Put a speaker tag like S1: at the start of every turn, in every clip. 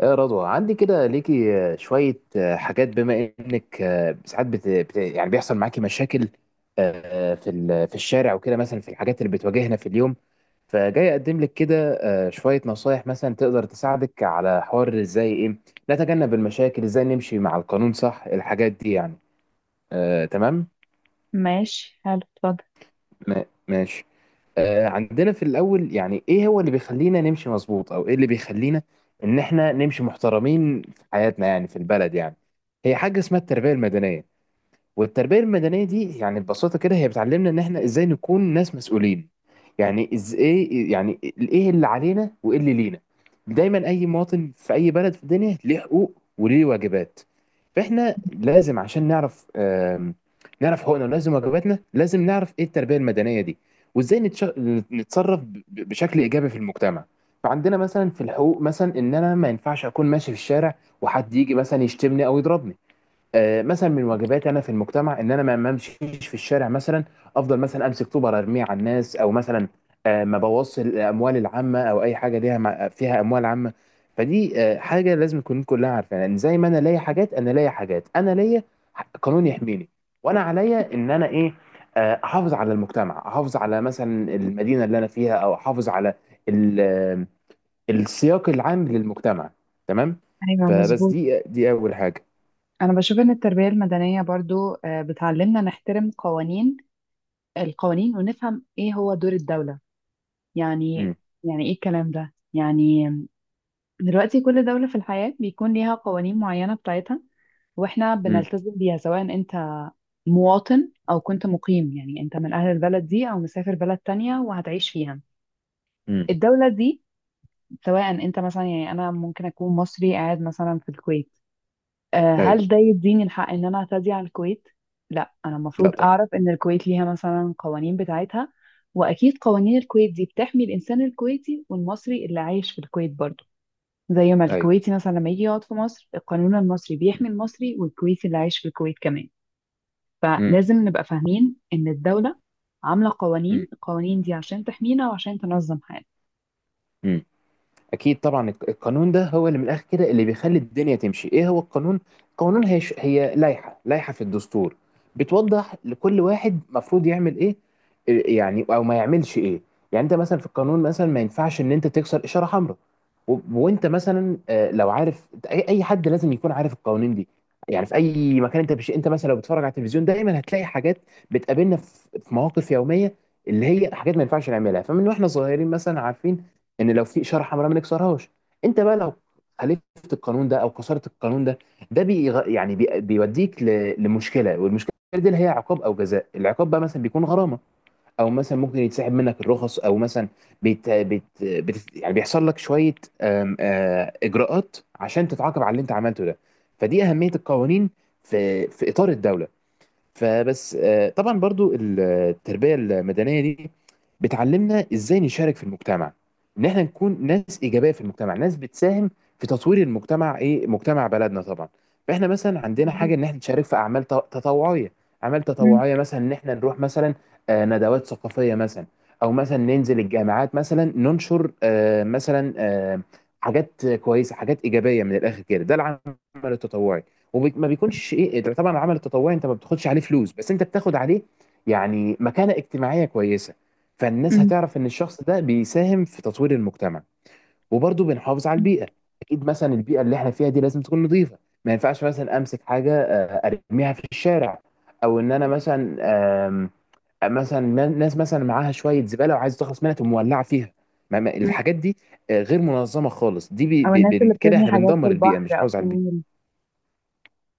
S1: يا رضوى، عندي كده ليكي شوية حاجات، بما إنك ساعات يعني بيحصل معاكي مشاكل في في الشارع وكده، مثلا في الحاجات اللي بتواجهنا في اليوم. فجاي أقدم لك كده شوية نصايح مثلا تقدر تساعدك على حوار، إزاي إيه نتجنب المشاكل، إزاي نمشي مع القانون صح، الحاجات دي يعني. تمام.
S2: ماشي، حلو، اتفضل.
S1: ماشي. عندنا في الأول، يعني إيه هو اللي بيخلينا نمشي مظبوط، أو إيه اللي بيخلينا إن إحنا نمشي محترمين في حياتنا يعني، في البلد يعني. هي حاجة اسمها التربية المدنية، والتربية المدنية دي يعني ببساطة كده هي بتعلمنا ان احنا ازاي نكون ناس مسؤولين، يعني ازاي، يعني ايه اللي علينا وايه اللي لينا. دايما اي مواطن في اي بلد في الدنيا ليه حقوق وليه واجبات. فاحنا لازم عشان نعرف نعرف حقوقنا، ولازم واجباتنا لازم نعرف، ايه التربية المدنية دي وازاي نتصرف بشكل ايجابي في المجتمع. فعندنا مثلا في الحقوق، مثلا ان انا ما ينفعش اكون ماشي في الشارع وحد يجي مثلا يشتمني او يضربني. مثلا من واجباتي انا في المجتمع ان انا ما امشيش في الشارع مثلا، افضل مثلا امسك طوبه ارميه على الناس، او مثلا ما بوظش الاموال العامه، او اي حاجه ليها فيها اموال عامه. فدي حاجه لازم نكون كلها عارفينها، يعني زي ما انا ليا حاجات، انا ليا حاجات، انا ليا قانون يحميني، وانا عليا ان انا ايه، احافظ على المجتمع، احافظ على مثلا المدينه اللي انا فيها، او احافظ على ال- آه، السياق العام للمجتمع. تمام.
S2: ايوه،
S1: فبس
S2: مظبوط.
S1: دي اول حاجه.
S2: انا بشوف ان التربيه المدنيه برضو بتعلمنا نحترم القوانين ونفهم ايه هو دور الدوله يعني.
S1: امم.
S2: يعني ايه الكلام ده يعني؟ دلوقتي كل دوله في الحياه بيكون ليها قوانين معينه بتاعتها، واحنا
S1: امم.
S2: بنلتزم بيها سواء انت مواطن او كنت مقيم، يعني انت من اهل البلد دي او مسافر بلد تانية وهتعيش فيها
S1: إمم.
S2: الدوله دي. سواء انت مثلا، يعني انا ممكن اكون مصري قاعد مثلا في الكويت،
S1: ايوه.
S2: هل ده يديني الحق ان انا اعتدي على الكويت؟ لا، انا
S1: لا،
S2: المفروض
S1: طب.
S2: اعرف ان الكويت ليها مثلا قوانين بتاعتها. واكيد قوانين الكويت دي بتحمي الانسان الكويتي والمصري اللي عايش في الكويت برضه، زي ما
S1: ايوه.
S2: الكويتي مثلا لما يجي يقعد في مصر القانون المصري بيحمي المصري والكويتي اللي عايش في الكويت كمان.
S1: امم.
S2: فلازم نبقى فاهمين ان الدولة عاملة القوانين دي عشان تحمينا وعشان تنظم حياتنا.
S1: امم. اكيد طبعا القانون ده هو اللي من الاخر كده اللي بيخلي الدنيا تمشي. ايه هو القانون؟ القانون هي هي لائحه في الدستور بتوضح لكل واحد مفروض يعمل ايه، إيه يعني، او ما يعملش ايه. يعني انت مثلا في القانون، مثلا ما ينفعش ان انت تكسر اشاره حمراء، وانت مثلا لو عارف، اي أي حد لازم يكون عارف القوانين دي. يعني في اي مكان انت انت مثلا لو بتتفرج على التلفزيون دايما هتلاقي حاجات بتقابلنا في مواقف يوميه، اللي هي حاجات ما ينفعش نعملها. فمن واحنا صغيرين مثلا عارفين ان لو في اشاره حمراء ما نكسرهاش. انت بقى لو خالفت القانون ده او كسرت القانون ده، ده بيوديك لمشكله، والمشكله دي اللي هي عقاب او جزاء. العقاب بقى مثلا بيكون غرامه، او مثلا ممكن يتسحب منك الرخص، او مثلا يعني بيحصل لك شويه اجراءات عشان تتعاقب على اللي انت عملته ده. فدي اهميه القوانين في اطار الدوله. فبس طبعا برضو التربية المدنية دي بتعلمنا ازاي نشارك في المجتمع، ان احنا نكون ناس ايجابية في المجتمع، ناس بتساهم في تطوير المجتمع، ايه، مجتمع بلدنا طبعا. فاحنا مثلا عندنا
S2: بالظبط.
S1: حاجة ان احنا نشارك في اعمال تطوعية. اعمال
S2: مم.
S1: تطوعية مثلا ان احنا نروح مثلا ندوات ثقافية مثلا، او مثلا ننزل الجامعات مثلا، ننشر مثلا حاجات كويسة، حاجات ايجابية، من الاخر كده ده العمل التطوعي. وما بيكونش ايه، إيه، ده طبعا العمل التطوعي انت ما بتاخدش عليه فلوس، بس انت بتاخد عليه يعني مكانة اجتماعية كويسة، فالناس
S2: مم.
S1: هتعرف ان الشخص ده بيساهم في تطوير المجتمع. وبرضه بنحافظ على
S2: مم.
S1: البيئة. اكيد مثلا البيئة اللي احنا فيها دي لازم تكون نظيفة، ما ينفعش مثلا امسك حاجة ارميها في الشارع، او ان انا مثلا آم، مثلا ناس مثلا معاها شوية زبالة وعايز تخلص منها تقوم مولعة فيها.
S2: مم.
S1: الحاجات دي غير منظمة خالص، دي
S2: او الناس اللي
S1: كده
S2: بتبني
S1: احنا
S2: حاجات في
S1: بندمر البيئة مش
S2: البحر او
S1: نحافظ على
S2: في
S1: البيئة.
S2: النيل.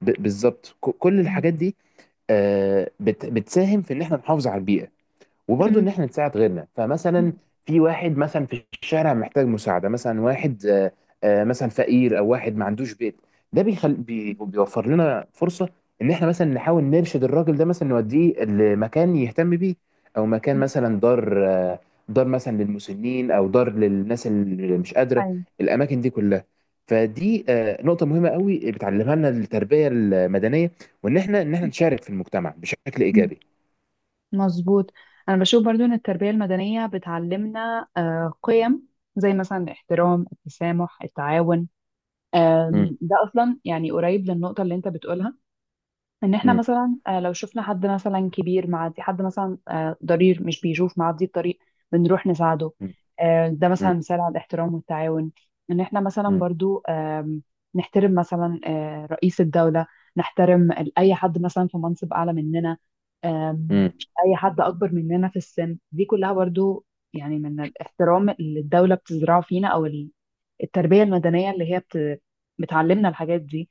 S1: بالظبط، كل
S2: مم.
S1: الحاجات دي بتساهم في ان احنا نحافظ على البيئة. وبرضه
S2: مم.
S1: ان احنا نساعد غيرنا، فمثلا في واحد مثلا في الشارع محتاج مساعده، مثلا واحد مثلا فقير، او واحد ما عندوش بيت. ده بيوفر لنا فرصه ان احنا مثلا نحاول نرشد الراجل ده، مثلا نوديه لمكان يهتم بيه، او مكان
S2: مم.
S1: مثلا دار دار مثلا للمسنين، او دار للناس اللي مش قادره،
S2: أيوة.
S1: الاماكن دي كلها. فدي نقطة مهمة قوي بتعلمها لنا التربية المدنية، وإن إحنا إن إحنا نشارك في المجتمع بشكل
S2: مم.
S1: إيجابي.
S2: مظبوط. انا بشوف برضو ان التربيه المدنيه بتعلمنا قيم زي مثلا الاحترام، التسامح، التعاون.
S1: مم.
S2: ده اصلا يعني قريب للنقطه اللي انت بتقولها. ان احنا
S1: مم.
S2: مثلا لو شفنا حد مثلا كبير معدي، حد مثلا ضرير مش بيشوف معدي الطريق بنروح نساعده. ده مثلا
S1: مم.
S2: مثال على الاحترام والتعاون. ان احنا مثلا
S1: مم.
S2: برضو نحترم مثلا رئيس الدولة، نحترم اي حد مثلا في منصب اعلى مننا. آم،
S1: مم.
S2: اي حد اكبر مننا في السن، دي كلها برضو يعني من الاحترام اللي الدولة بتزرعه فينا، او التربية المدنية اللي هي بتعلمنا الحاجات دي.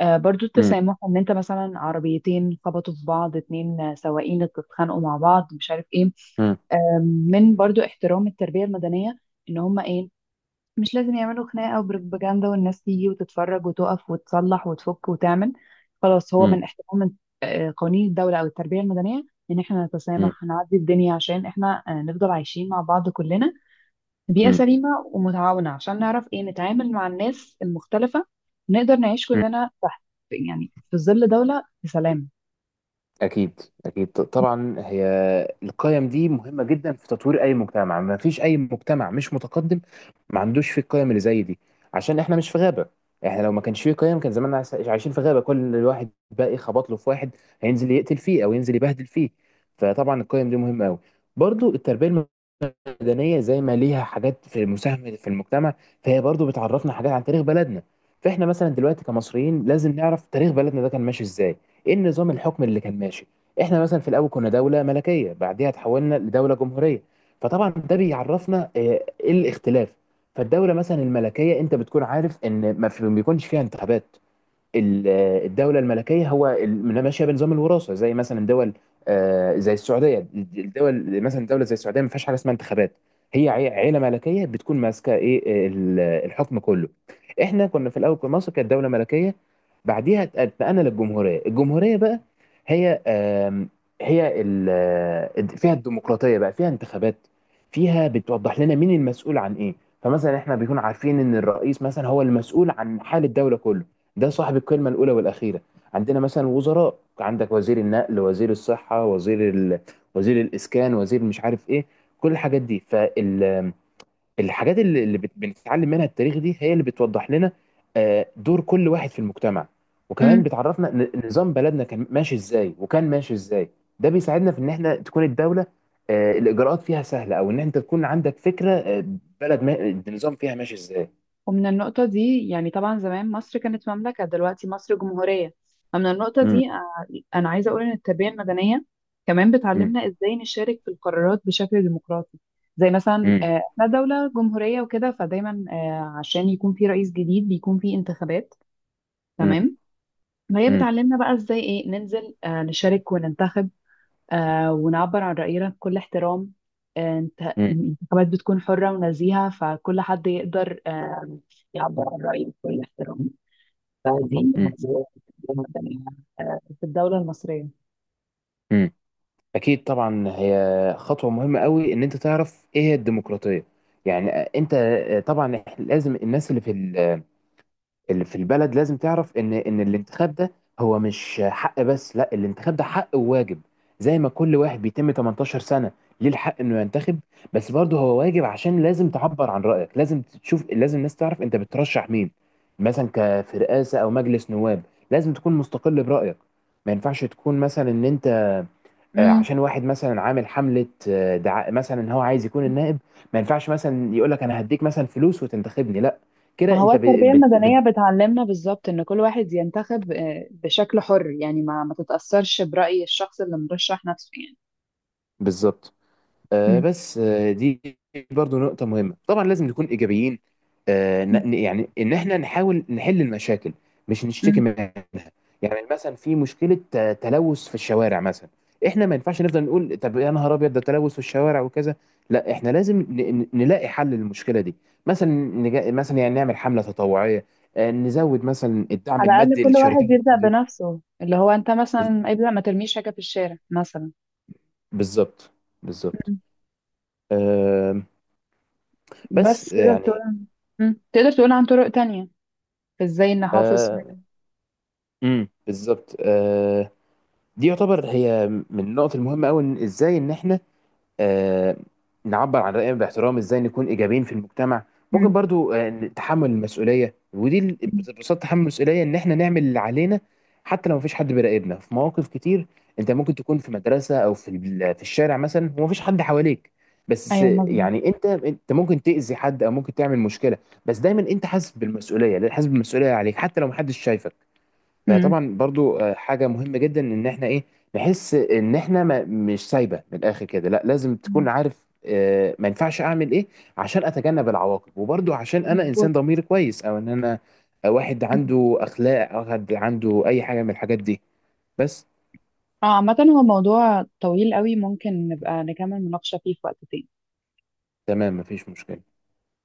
S2: برضو
S1: مم.
S2: التسامح، ان انت مثلا عربيتين خبطوا في بعض، اتنين سواقين اتخانقوا مع بعض مش عارف ايه.
S1: مم.
S2: آم، من برضو احترام التربية المدنية ان هم ايه، مش لازم يعملوا خناقة وبروباجندا والناس تيجي وتتفرج وتقف وتصلح وتفك وتعمل خلاص. هو
S1: مم.
S2: من احترام قوانين الدولة او التربية المدنية ان احنا
S1: مم.
S2: نتسامح. هنعدي الدنيا عشان احنا نفضل عايشين مع بعض كلنا بيئة
S1: مم.
S2: سليمة ومتعاونة، عشان نعرف ايه نتعامل مع الناس المختلفة. نقدر نعيش
S1: مم.
S2: كلنا تحت، يعني في ظل دولة بسلام.
S1: أكيد أكيد، طبعا هي القيم دي مهمة جدا في تطوير أي مجتمع. ما فيش أي مجتمع مش متقدم ما عندوش فيه القيم اللي زي دي. عشان إحنا مش في غابة، إحنا لو ما كانش فيه قيم كان زماننا عايشين في غابة، كل واحد باقي خبط له في واحد هينزل يقتل فيه أو ينزل يبهدل فيه. فطبعا القيم دي مهمة أوي. برضو التربية المدنيه زي ما ليها حاجات في مساهمه في المجتمع، فهي برضو بتعرفنا حاجات عن تاريخ بلدنا. فاحنا مثلا دلوقتي كمصريين لازم نعرف تاريخ بلدنا ده كان ماشي ازاي، ايه النظام الحكم اللي كان ماشي. احنا مثلا في الاول كنا دوله ملكيه، بعديها اتحولنا لدوله جمهوريه. فطبعا ده بيعرفنا ايه الاختلاف. فالدوله مثلا الملكيه انت بتكون عارف ان ما بيكونش فيها انتخابات. ال- الدولة الملكية هو ماشية بنظام الوراثة، زي مثلا دول زي السعودية. الدول مثلا، دولة زي السعودية ما فيهاش حاجة اسمها انتخابات، هي عيلة ملكية بتكون ماسكة ايه، الحكم كله. احنا كنا في الأول في مصر كانت دولة ملكية، بعديها اتنقلنا للجمهورية. الجمهورية بقى هي هي فيها الديمقراطية بقى، فيها انتخابات، فيها بتوضح لنا مين المسؤول عن ايه. فمثلا احنا بيكون عارفين ان الرئيس مثلا هو المسؤول عن حال الدولة كله، ده صاحب الكلمة الأولى والأخيرة. عندنا مثلا وزراء، عندك وزير النقل، وزير الصحة، وزير وزير الإسكان، وزير مش عارف إيه، كل الحاجات دي. فالحاجات اللي بنتعلم منها التاريخ دي هي اللي بتوضح لنا دور كل واحد في المجتمع. وكمان
S2: امم
S1: بتعرفنا نظام بلدنا كان ماشي إزاي وكان ماشي إزاي. ده بيساعدنا في إن إحنا تكون الدولة الإجراءات فيها سهلة، أو إن أنت تكون عندك فكرة بلد ما... النظام فيها ماشي إزاي.
S2: ومن النقطة دي يعني طبعا زمان مصر كانت مملكة، دلوقتي مصر جمهورية. فمن النقطة
S1: مم.
S2: دي أنا عايزة أقول إن التربية المدنية كمان
S1: مم.
S2: بتعلمنا إزاي نشارك في القرارات بشكل ديمقراطي. زي مثلا
S1: مم.
S2: إحنا دولة جمهورية وكده، فدايما عشان يكون في رئيس جديد بيكون في انتخابات.
S1: مم.
S2: تمام. فهي
S1: مم.
S2: بتعلمنا بقى إزاي إيه ننزل نشارك وننتخب، ونعبر عن رأينا بكل احترام. انت الانتخابات بتكون حرة ونزيهة، فكل حد يقدر يعبر عن رأيه بكل احترام. فدي
S1: مم.
S2: نظرية التربية المدنية في الدولة المصرية.
S1: مم. اكيد طبعا هي خطوه مهمه قوي ان انت تعرف ايه هي الديمقراطيه. يعني انت طبعا لازم الناس اللي في اللي في البلد لازم تعرف ان الانتخاب ده هو مش حق بس، لا الانتخاب ده حق وواجب. زي ما كل واحد بيتم 18 سنه ليه الحق انه ينتخب، بس برضه هو واجب. عشان لازم تعبر عن رايك، لازم تشوف، لازم الناس تعرف انت بترشح مين مثلا، في رئاسه او مجلس نواب. لازم تكون مستقل برايك، ما ينفعش تكون مثلا ان انت
S2: مم.
S1: عشان واحد مثلا عامل حمله دعاء مثلا ان هو عايز يكون النائب، ما ينفعش مثلا يقول لك انا هديك مثلا فلوس وتنتخبني، لا.
S2: ما
S1: كده
S2: هو
S1: انت
S2: التربية المدنية بتعلمنا بالظبط إن كل واحد ينتخب بشكل حر، يعني ما تتأثرش برأي الشخص اللي مرشح نفسه يعني.
S1: بالظبط.
S2: مم.
S1: بس دي برضو نقطة مهمة. طبعا لازم نكون إيجابيين يعني إن إحنا نحاول نحل المشاكل مش نشتكي
S2: مم.
S1: منها. يعني مثلا في مشكلة تلوث في الشوارع مثلا، إحنا ما ينفعش نفضل نقول طب يا نهار أبيض ده تلوث في الشوارع وكذا، لا إحنا لازم نلاقي حل للمشكلة دي. مثلا مثلا يعني نعمل حملة تطوعية نزود مثلا الدعم
S2: على الأقل
S1: المادي
S2: كل
S1: لشركات
S2: واحد يبدأ
S1: التنظيف.
S2: بنفسه، اللي هو أنت
S1: بز-
S2: مثلا ابدأ ما ترميش حاجة في الشارع مثلا.
S1: بالظبط، بالظبط، آه، بس
S2: بس تقدر
S1: يعني
S2: تقول. مم. تقدر تقول عن طرق تانية ازاي نحافظ.
S1: آه، امم، بالظبط دي يعتبر هي من النقط المهمه قوي، ان ازاي ان احنا آه، نعبر عن راينا باحترام، ازاي نكون ايجابيين في المجتمع. ممكن
S2: مم.
S1: برضو تحمل المسؤوليه، ودي
S2: مم.
S1: ببساطه تحمل المسؤوليه ان احنا نعمل اللي علينا حتى لو مفيش حد بيراقبنا. في مواقف كتير انت ممكن تكون في مدرسه او في في الشارع مثلا ومفيش حد حواليك، بس
S2: ايوه، مظبوط.
S1: يعني انت ممكن تاذي حد او ممكن تعمل مشكله، بس دايما انت حاسس بالمسؤوليه، حاسس بالمسؤوليه عليك حتى لو محدش شايفك.
S2: مم.
S1: فطبعا برضو حاجة مهمة جدا ان احنا ايه، نحس ان احنا ما مش سايبة من الاخر كده. لا لازم تكون
S2: مم.
S1: عارف ما ينفعش اعمل ايه عشان اتجنب العواقب، وبرضو عشان انا
S2: مظبوط.
S1: انسان ضميري كويس، او ان انا واحد عنده اخلاق، او واحد عنده اي حاجة من الحاجات دي. بس.
S2: اه عامة هو موضوع طويل قوي، ممكن نبقى نكمل مناقشة فيه في وقت تاني.
S1: تمام مفيش مشكلة.